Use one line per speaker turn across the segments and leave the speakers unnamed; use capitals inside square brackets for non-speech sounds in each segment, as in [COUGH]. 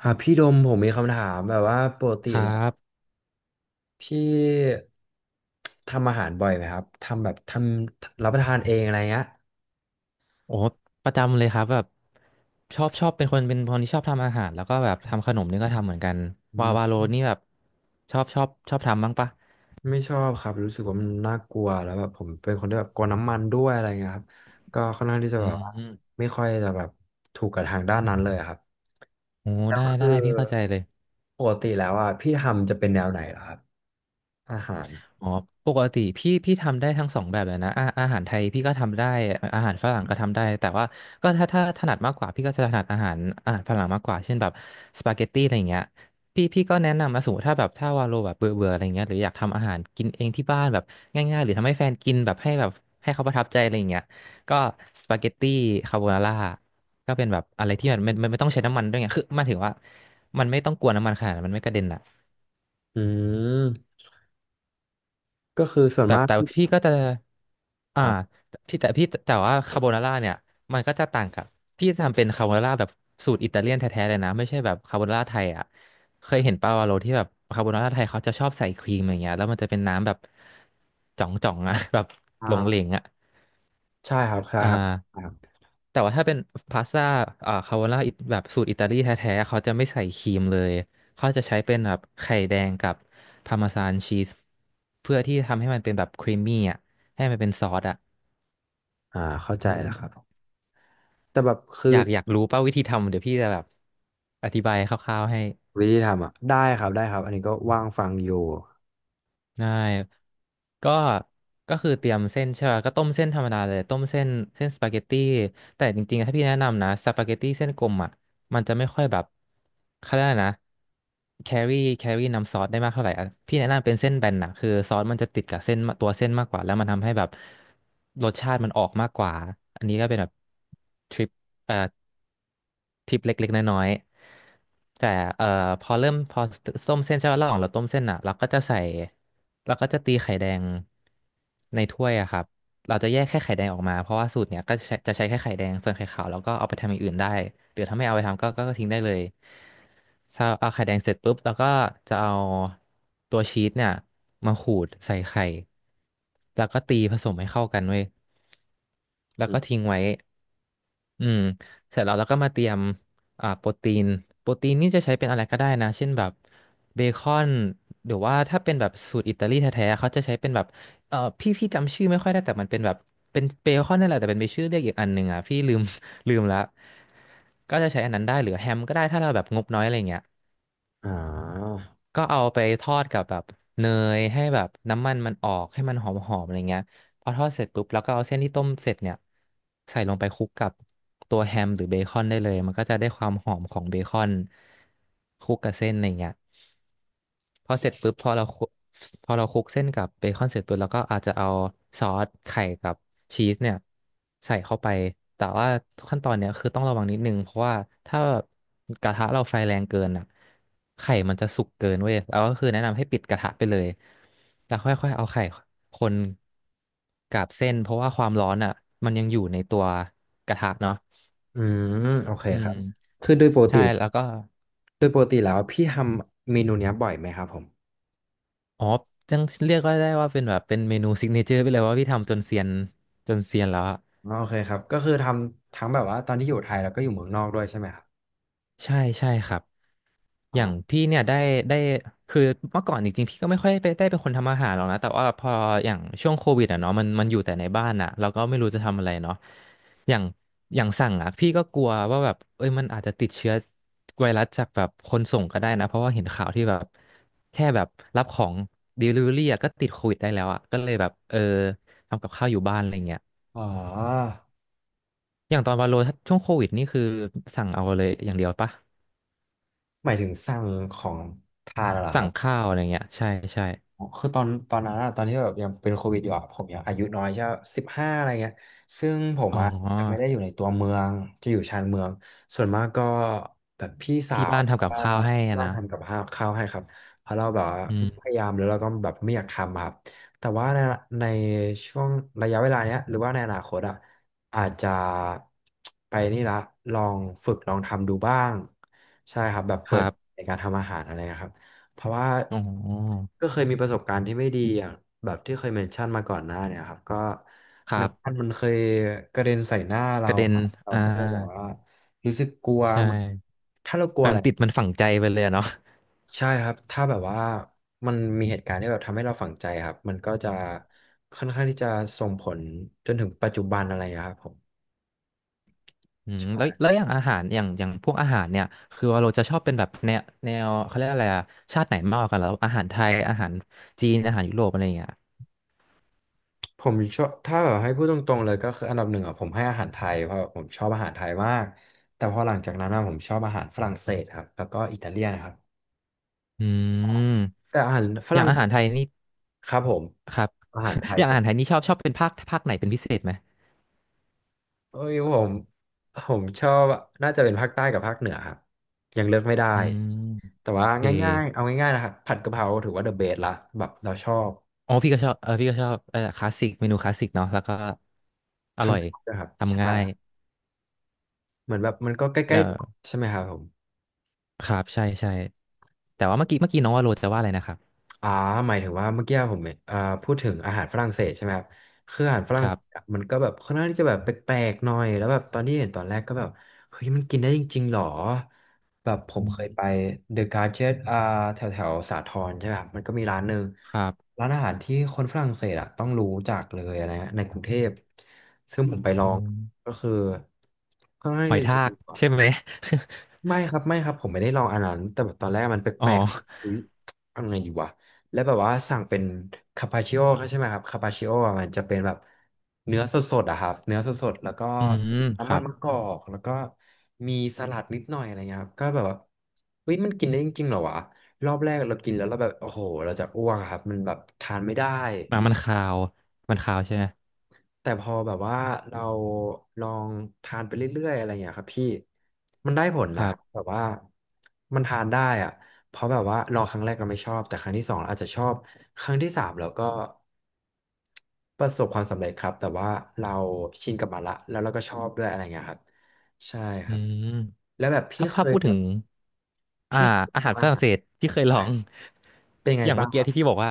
ครับพี่ดมผมมีคำถามแบบว่าปกติ
ครั
แล้ว
บ
พี่ทำอาหารบ่อยไหมครับทำแบบทำรับประทานเองอะไรเงี้ย
โอ้ประจำเลยครับแบบชอบเป็นคนที่ชอบทำอาหารแล้วก็แบบทำขนมนี่ก็ทำเหมือนกัน
อื
วาโล
ม
นี่แบบชอบทำบ้างปะ
ไม่ชอบครับรู้สึกว่ามันน่ากลัวแล้วแบบผมเป็นคนที่แบบกลัวน้ำมันด้วยอะไรเงี้ยครับก็ค่อนข้างที่จะ
อื
แบบว่า
ม
ไม่ค่อยจะแบบถูกกับทางด้านนั้นเลยอะครับ
โอ้
แล้ว
ได้
คือ
พี่เข้าใจเลย
ปกติแล้วอ่ะพี่ทำจะเป็นแนวไหนเหรอครับอาหาร
อ๋อปกติพี่ทำได้ทั้งสองแบบเลยนะอาหารไทยพี่ก็ทำได้อาหารฝรั่งก็ทำได้แต่ว่าก็ถ้าถนัดมากกว่าพี่ก็จะถนัดอาหารฝรั่งมากกว่าเช่นแบบสปาเกตตี้อะไรอย่างเงี้ยพี่ก็แนะนำมาสูมถ้าแบบถ้าวาโลแบบเบื่อเบื่ออะไรเงี้ยหรืออยากทำอาหารกินเองที่บ้านแบบง่ายๆหรือทำให้แฟนกินแบบให้แบบให้เขาประทับใจอะไรอย่างเงี้ยก็สปาเกตตี้คาโบนาร่าก็เป็นแบบอะไรที่มันไม่ต้องใช้น้ำมันด้วยไงคือหมันถึงว่ามันไม่ต้องกวนน้ำมันขนาดนั้นมันไม่กระเด็นอ่ะ
อืมก็คือส่วน
แบบ
มาก
แต่
พี่
พี่ก็จะอ่า
อ่า
พี่แต่พี่แต่ว่าคาโบนาร่าเนี่ยมันก็จะต่างกับพี่จะทำเป็นคาโบนาร่าแบบสูตรอิตาเลียนแท้ๆเลยนะไม่ใช่แบบคาโบนาร่าไทยอ่ะเคยเห็นปาวาโลที่แบบคาโบนาร่าไทยเขาจะชอบใส่ครีมอย่างเงี้ยแล้วมันจะเป็นน้ำแบบจ่องๆอ่ะ [LAUGHS] แบบหลงเหลง
อ่า
อ่ะ
ใช่ครับใช่
อ่า
ครับครับ
แต่ว่าถ้าเป็นพาสต้าอ่าคาโบนาแบบสูตรอิตาลีแท้ๆเขาจะไม่ใส่ครีมเลยเขาจะใช้เป็นแบบไข่แดงกับพาร์เมซานชีสเพื่อที่ทำให้มันเป็นแบบครีมมี่อ่ะให้มันเป็นซอสอ่ะ
อ่าเข้าใจแล้วครับ แต่แบบคือ
อยากรู้ป่ะวิธีทำเดี๋ยวพี่จะแบบอธิบายคร่าวๆให้
วิธีทำอ่ะได้ครับได้ครับอันนี้ก็ว่างฟังอยู่
ได้ก็ก็คือเตรียมเส้นใช่ป่ะก็ต้มเส้นธรรมดาเลยต้มเส้นเส้นสปาเกตตี้แต่จริงๆอะถ้าพี่แนะนำนะสปาเกตตี้เส้นกลมอ่ะมันจะไม่ค่อยแบบเขาเรียกอะไรนะแครี่น้ำซอสได้มากเท่าไหร่อะพี่แนะนำเป็นเส้นแบนนะคือซอสมันจะติดกับเส้นาตัวเส้นมากกว่าแล้วมันทำให้แบบรสชาติมันออกมากกว่าอันนี้ก็เป็นแบบทริป เอ่อทิปเล็กๆน้อยๆแต่เอ่อพอเริ่มพอต้มเส้นใช่ไหมระหว่างเราต้มเส้นอ่ะเราก็จะตีไข่แดงในถ้วยอะครับเราจะแยกแค่ไข่แดงออกมาเพราะว่าสูตรเนี้ยก็จะใช้แค่ไข่แดงส่วนไข่ขาวเราก็เอาไปทำอย่างอื่นได้หรือถ้าไม่เอาไปทำก็ทิ้งได้เลยถ้าเอาไข่แดงเสร็จปุ๊บเราก็จะเอาตัวชีสเนี่ยมาขูดใส่ไข่แล้วก็ตีผสมให้เข้ากันเว้ยแล้ว
อื
ก็
ม
ทิ้งไว้ อืมเสร็จแล้วเราก็มาเตรียมอ่าโปรตีนโปรตีนนี่จะใช้เป็นอะไรก็ได้นะเช่นแบบเบคอนหรือว่าถ้าเป็นแบบสูตรอิตาลีแท้ๆเขาจะใช้เป็นแบบเออพี่จำชื่อไม่ค่อยได้แต่มันเป็นแบบเป็นเบคอนนั่นแหละแต่เป็นไปชื่อเรียกอีกอันหนึ่งอ่ะพี่ลืม [LAUGHS] ลืมละก็จะใช้อันนั้นได้หรือแฮมก็ได้ถ้าเราแบบงบน้อยอะไรเงี้ย
อ่า
ก็เอาไปทอดกับแบบเนยให้แบบน้ำมันมันออกให้มันหอมๆอะไรเงี้ยพอทอดเสร็จปุ๊บแล้วก็เอาเส้นที่ต้มเสร็จเนี่ยใส่ลงไปคลุกกับตัวแฮมหรือเบคอนได้เลยมันก็จะได้ความหอมของเบคอนคลุกกับเส้นอะไรเงี้ย พอเสร็จปุ๊บพอเราคลุกเส้นกับเบคอนเสร็จปุ๊บเราก็อาจจะเอาซอสไข่กับชีสเนี่ยใส่เข้าไปแต่ว่าขั้นตอนเนี่ยคือต้องระวังนิดนึงเพราะว่าถ้ากระทะเราไฟแรงเกินอ่ะไข่มันจะสุกเกินเว้ยแล้วก็คือแนะนำให้ปิดกระทะไปเลยแล้วค่อยๆเอาไข่คนกับเส้นเพราะว่าความร้อนอ่ะมันยังอยู่ในตัวกระทะเนาะ
อืมโอเค
อื
ครั
ม
บคือโดยปกติ
ใช่แล้วก็
โดยปกติแล้วพี่ทำเมนูเนี้ยบ่อยไหมครับผม
อ๋อยังเรียกว่าได้ว่าเป็นแบบเป็นเมนูซิกเนเจอร์ไปเลยว่าพี่ทำจนเซียนแล้วอะ
อ๋อโอเคครับก็คือทำทั้งแบบว่าตอนที่อยู่ไทยแล้วก็อยู่เมืองนอกด้วยใช่ไหมครับ
ใช่ใช่ครับอย่าง
อ่า
พี่เนี่ยได้คือเมื่อก่อนจริงๆพี่ก็ไม่ค่อยไปได้เป็นคนทำอาหารหรอกนะแต่ว่าพออย่างช่วงโควิดอ่ะเนาะมันอยู่แต่ในบ้านอ่ะเราก็ไม่รู้จะทำอะไรเนาะอย่างอย่างสั่งอ่ะพี่ก็กลัวว่าแบบเอ้ยมันอาจจะติดเชื้อไวรัสจากแบบคนส่งก็ได้นะเพราะว่าเห็นข่าวที่แบบแค่แบบรับของ Delivery อะก็ติดโควิดได้แล้วอ่ะก็เลยแบบทำกับข้าวอยู่บ้านอะไรเงี้ย
อ๋อ
อย่างตอนวาโลถ้าช่วงโควิดนี่คือสั่งเอาเลยอย่างเดียวปะ
หมายถึงสั่งของทานเหรอค
สั่
รั
ง
บ
ข้าวอะไรเงี้ยใช่ใช่
อ๋อคือตอนนั้นอะตอนที่แบบยังเป็นโควิดอยู่อะผมยังอายุน้อยใช่15อะไรเงี้ยซึ่งผม
อ๋อ
อะจะไม่ได้อยู่ในตัวเมืองจะอยู่ชานเมืองส่วนมากก็แบบพี่สา
ที่
ว
บ้าน
หรือ
ทำกับ
ว่า
ข้าวให้
ที่
อะ
บ้าน
นะ
ทำกับข้าวให้ครับเพราะเราแบบว่า
อื
พ
ม
ยายามหรือเราก็แบบไม่อยากทำอะครับแต่ว่าในในช่วงระยะเวลาเนี้ยหรือว่าในอนาคตอะอาจจะไปนี่ละลองฝึกลองทำดูบ้างใช่ครับแบบ
ค
เปิ
รั
ด
บ
ในการทำอาหารอะไรนะครับ เพราะว่า
อ๋อ
ก็เคยมีประสบการณ์ที่ไม่ดีอย่างแบบที่เคยเมนชั่นมาก่อนหน้าเนี่ยครับก็
ครั
น้ำมัน
บ
มันเคยกระเด็นใส่หน้า
ก
เรา
ระเด็น
อะเรา
อ่า
ก็แบบว่ารู้สึกกลัว
ใช่
เหมือนถ้าเรากลั
แบ
วอะ
บ
ไร
ติดมันฝังใจไปเลยอะเนาะ
ใช่ครับถ้าแบบว่ามันมีเหตุการณ์ที่แบบทำให้เราฝังใจครับมันก็จะค่อนข้างที่จะส่งผลจนถึงปัจจุบันอะไรอย่างเงี้ยครับผม
อืม
ใช่
แล้วอย่างอาหารอย่างพวกอาหารเนี่ยคือวาโาจะชอบเป็นแบบแนวเขาเรียกอะไรอะชาติไหนมากกว่ากันแล้วอาหารไทยอาหารจีนอาหารยุโรปอะไรอย่างเงี้ย
ผมชอบถ้าแบบให้พูดตรงๆเลยก็คืออันดับหนึ่งอ่ะผมให้อาหารไทยเพราะผมชอบอาหารไทยมากแต่พอหลังจากนั้นอะผมชอบอาหารฝรั่งเศสครับแล้วก็อิตาเลียนครับ
อืม
แต่อาหารฝ
อย่าง
รั่ง
อา
เศ
หาร
ส
ไทยนี่
ครับผม
ครับ
อาหารไท
[LAUGHS]
ย
อย่าง
ค
อา
รับ
หารไทยนี่ชอบเป็นภาคไหนเป็นพิเศษไหม
เอ้ยผมชอบน่าจะเป็นภาคใต้กับภาคเหนือครับยังเลือกไม่ได้
อืม
แต่ว่า
โอเค
ง่ายๆเอาง่ายๆนะครับผัดกะเพราถือว่าเดอะเบสละแบบเราชอบ
อ๋อพี่ก็ชอบเออพี่ก็ชอบเออคลาสสิกเมนูคลาสสิกเนาะแล้วก็อ
ท
ร่อย
ำนะครับ
ทำง่าย
ใช่เหมือนแบบมันก็ใก
เอ
ล้
อ
ๆใช่ไหมครับผม
ครับใช่ใช่ แต่ว่าเมื่อกี้น้องว่าโรจะว่าอะไรนะครับ
อ่าหมายถึงว่าเมื่อกี้ผมอ่าพูดถึงอาหารฝรั่งเศสใช่ไหมครับคืออาหารฝ
ค
รั่ง
รั
เศส
บ
อะมันก็แบบค่อนข้างที่จะแบบแปลกๆหน่อยแล้วแบบตอนที่เห็นตอนแรกก็แบบเฮ้ยมันกินได้จริงๆหรอแบบผ
อื
มเคย
ม
ไปเดอะการ์เจตแถวแถวสาทรใช่ไหมครับมันก็มีร้านหนึ่ง
ครับ
ร้านอาหารที่คนฝรั่งเศสอ่ะต้องรู้จักเลยนะฮะในกรุงเทพซึ่งผมไปลอ
อ๋อ
งก็คือค่อนข้าง
หอย
ที่จะ
ทากใช่ไหม
ไม่ครับไม่ครับผมไม่ได้ลองอันนั้นแต่แบบตอนแรกมันแป
[LAUGHS] อ๋อ
ลกๆอะอุ๊ยทำไงดีวะแล้วแบบว่าสั่งเป็นคาปาชิโอใช่ไหมครับคาปาชิโอมันจะเป็นแบบเนื้อสดๆอะครับเนื้อสดๆแล้วก็
อืม
มี
ค
น้ำมั
รั
น
บ
มะกอกแล้วก็มีสลัดนิดหน่อยอะไรเงี้ยครับก็แบบว่าเฮ้ยมันกินได้จริงๆเหรอวะรอบแรกเรากินแล้วเราแบบโอ้โหเราจะอ้วกอะครับมันแบบทานไม่ได้
อ่ะมันคาวมันคาวใช่ไหม
แต่พอแบบว่าเราลองทานไปเรื่อยๆอะไรอย่างเงี้ยครับพี่มันได้ผล
ค
นะค
รั
รับแบ
บ
บว่ามันทานได้อะเพราะแบบว่าลองครั้งแรกเราไม่ชอบแต่ครั้งที่สองเราอาจจะชอบครั้งที่สามเราก็ประสบความสำเร็จครับแต่ว่าเราชินกับมันละแล้วเราก็ชอบด้วยอะไรอย่างเงี้ยครับใช่ค
อื
รับ
ม
แล้วแบบพี่
ถ้า
เค
ภาพ
ย
พูด
แบ
ถึง
บ
อ่า
พี่
อา
เค
หา
ย
ร
ทำ
ฝ
อา
รั่ง
หาร
เศสพี่เคยลอ
ใต้
ง
เป็น
[LAUGHS]
ไง
อย่าง
บ้า
เมื่
ง
อ
ค
กี้
รั
ที่
บ
พี่บอกว่า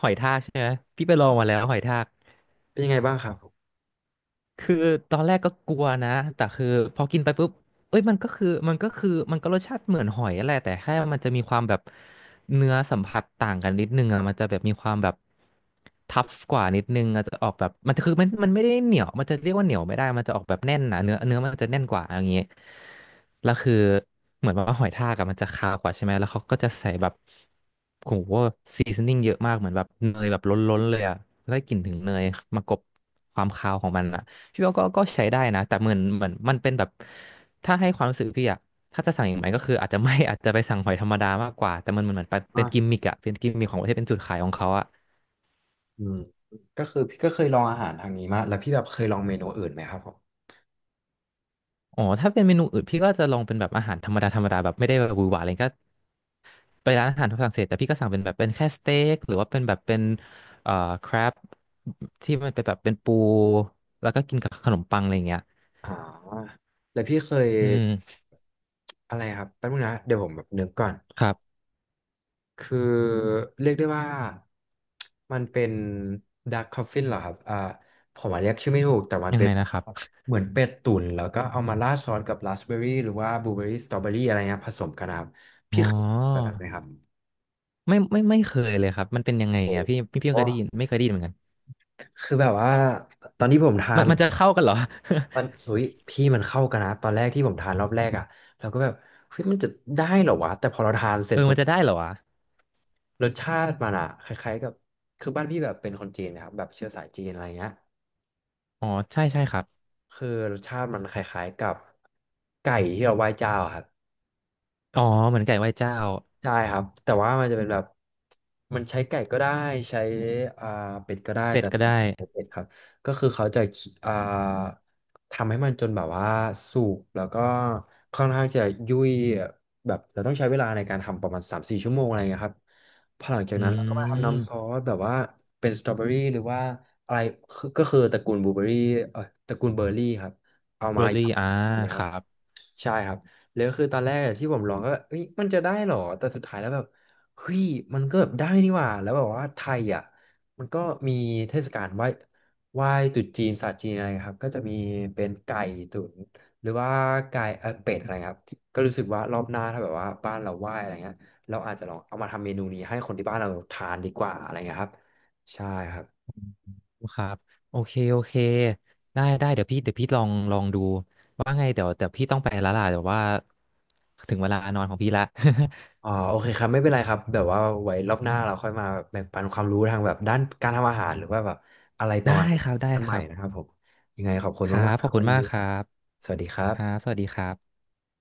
หอยทากใช่ไหมพี่ไปลองมาแล้วหอยทาก
เป็นยังไงบ้างครับผม
คือตอนแรกก็กลัวนะ แต่คือพอกินไปปุ๊บเอ้ยมันก็รสชาติเหมือนหอยแหละแต่แค่มันจะมีความแบบเนื้อสัมผัสต่างกันนิดนึงอ่ะมันจะแบบมีความแบบทัฟกว่านิดนึงอาจจะออกแบบมันจะคือมันไม่ได้เหนียวมันจะเรียกว่าเหนียวไม่ได้มันจะออกแบบแน่นนะเนื้อมันจะแน่นกว่าอย่างงี้แล้วคือเหมือนแบบว่าหอยทากอะมันจะคาวกว่าใช่ไหมแล้วเขาก็จะใส่แบบโหซีซนนิ่งเยอะมากเหมือนแบบเนยแบบล้นๆเลยอ่ะได้กลิ่นถึงเนยมากลบความคาวของมันอะ พี่ว่าก็ใช้ได้นะแต่เหมือนมันเป็นแบบถ้าให้ความรู้สึกพี่อะถ้าจะสั่งอย่างไรก็คืออาจจะไม่ [LAUGHS] อาจจะไปสั่งหอยธรรมดามากกว่าแต่มันเหมือนเหมือนปเป็นกิม
ว่า
มิกอะเป็นกิมมิกของประเทศเป็นจุดขายของเขาอะ
อืมก็คือพี่ก็เคยลองอาหารทางนี้มาแล้วพี่แบบเคยลองเมนูอื่นไหมครับผม
อ๋อถ้าเป็นเมนูอื่นพี่ก็จะลองเป็นแบบอาหารธรรมดาแบบไม่ได้แบบหวือหวาอะไรก็ไปร้านอาหารฝรั่งเศสแต่พี่ก็สั่งเป็นแบบเป็นแค่สเต็กหรือว่าเป็นแบบเป็นเอ่อครบที่มันเป็นแบบเป็นปูแล้วก็กินกับขนมปังอะไรอย่างเงี้ย
อ่าแล้วพี่เคย
อืม
อะไรครับแป๊บนึงนะเดี๋ยวผมแบบนึกก่อน
ครับ
คือเรียกได้ว่ามันเป็นด a r k กคอฟฟินเหรอครับผมอาจเรียกชื่อไม่ถูกแต่มัน
ยัง
เป็
ไง
น
นะครับ
เหมือนเป็ดตุ๋นแล้วก็เอามาราดซอสกับราสเบอร์รี่หรือว่าบลูเบอร์รี่สตรอเบอรี่อะไรเงี้ยผสมกันนะครับ
อ๋
พี่
อ
เคยแบบนั้นไหมครับ
ไม่เคยเลยครับมันเป็นยังไง
โอ้
อ่ะพี่
โห
เคยได้ยินไม่เคยได้ยินเหมือนกัน
คือแบบว่าตอนที่ผมทา
มัน
น
มันจะเข้ากันเหรอ
มันอุ้ยพี่มันเข้ากันนะตอนแรกที่ผมทานรอบแรกอ่ะเราก็แบบเฮ้ยมันจะได้เหรอวะแต่พอเราทานเส
[LAUGHS]
ร็
เอ
จ
อ
ปุ๊
มัน
บ
จะได้เหรอวะ
รสชาติมันอ่ะคล้ายๆกับคือบ้านพี่แบบเป็นคนจีนนะครับแบบเชื้อสายจีนอะไรเงี้ย
อ๋อใช่ใช่ครับ
คือรสชาติมันคล้ายๆกับไก่ที่เราไหว้เจ้าอะครับ
อ๋อเหมือนไก่ไหว้เจ้า
ใช่ครับแต่ว่ามันจะเป็นแบบมันใช้ไก่ก็ได้ใช้อ่าเป็ดก็ได้
เป็ด
แต่
ก็ได้
เป็ดครับก็คือเขาจะอ่าทำให้มันจนแบบว่าสุกแล้วก็ค่อนข้างจะยุ่ยแบบเราต้องใช้เวลาในการทำประมาณสามสี่ชั่วโมงอะไรเงี้ยครับพอหลังจาก
อื
นั้นเราก็มาทำน้ำซอ
ม
สแบบว่าเป็นสตรอเบอรี่หรือว่าอะไรคือก็คือตระกูลบลูเบอรี่เออตระกูลเบอร์รี่ครับเอา
เบ
มา
อร์
ย
รี่อ่า
ำเลยค
ค
รับ
รับ
ใช่ครับแล้วคือตอนแรกอะที่ผมลองก็แบบเอ้ยมันจะได้เหรอ แต่สุดท้ายแล้วแบบเฮ้ยมันก็แบบได้นี่หว่าแล้วแบบว่าไทยอ่ะมันก็มีเทศกาลไหว้ตรุษจีนศาสตร์จีนอะไรครับก็จะมีเป็นไก่ตุ๋นหรือว่าไก่เป็ดอะไรครับก็รู้สึกว่ารอบหน้าถ้าแบบว่าบ้านเราไหว้อะไรเงี้ยเราอาจจะลองเอามาทำเมนูนี้ให้คนที่บ้านเราทานดีกว่าอะไรเงี้ยครับใช่ครับ
ครับโอเคโอเคได้ได้เดี๋ยวพี่ลองดูว่าไงเดี๋ยวพี่ต้องไปแล้วล่ะเดี๋ยวว่าถึงเวลานอนของพี่ละ
อ๋อโอเคครับไม่เป็นไรครับแบบว่าไว้รอบหน้าเราค่อยมาแบ่งปันความรู้ทางแบบด้านการทำอาหารหรือว่าแบบอะไร
[LAUGHS]
ป
ได้
ระมาณนั้น
ครับได้
กันให
ค
ม่
รั
นะค
บ
รับผม ยังไงขอบคุณ
ครั
มาก
บ
ๆ
ข
ค
อ
รั
บ
บ
คุ
วั
ณ
น
มา
นี้
กครับ
สวัสดีครั
ค
บ
รับสวัสดีครับ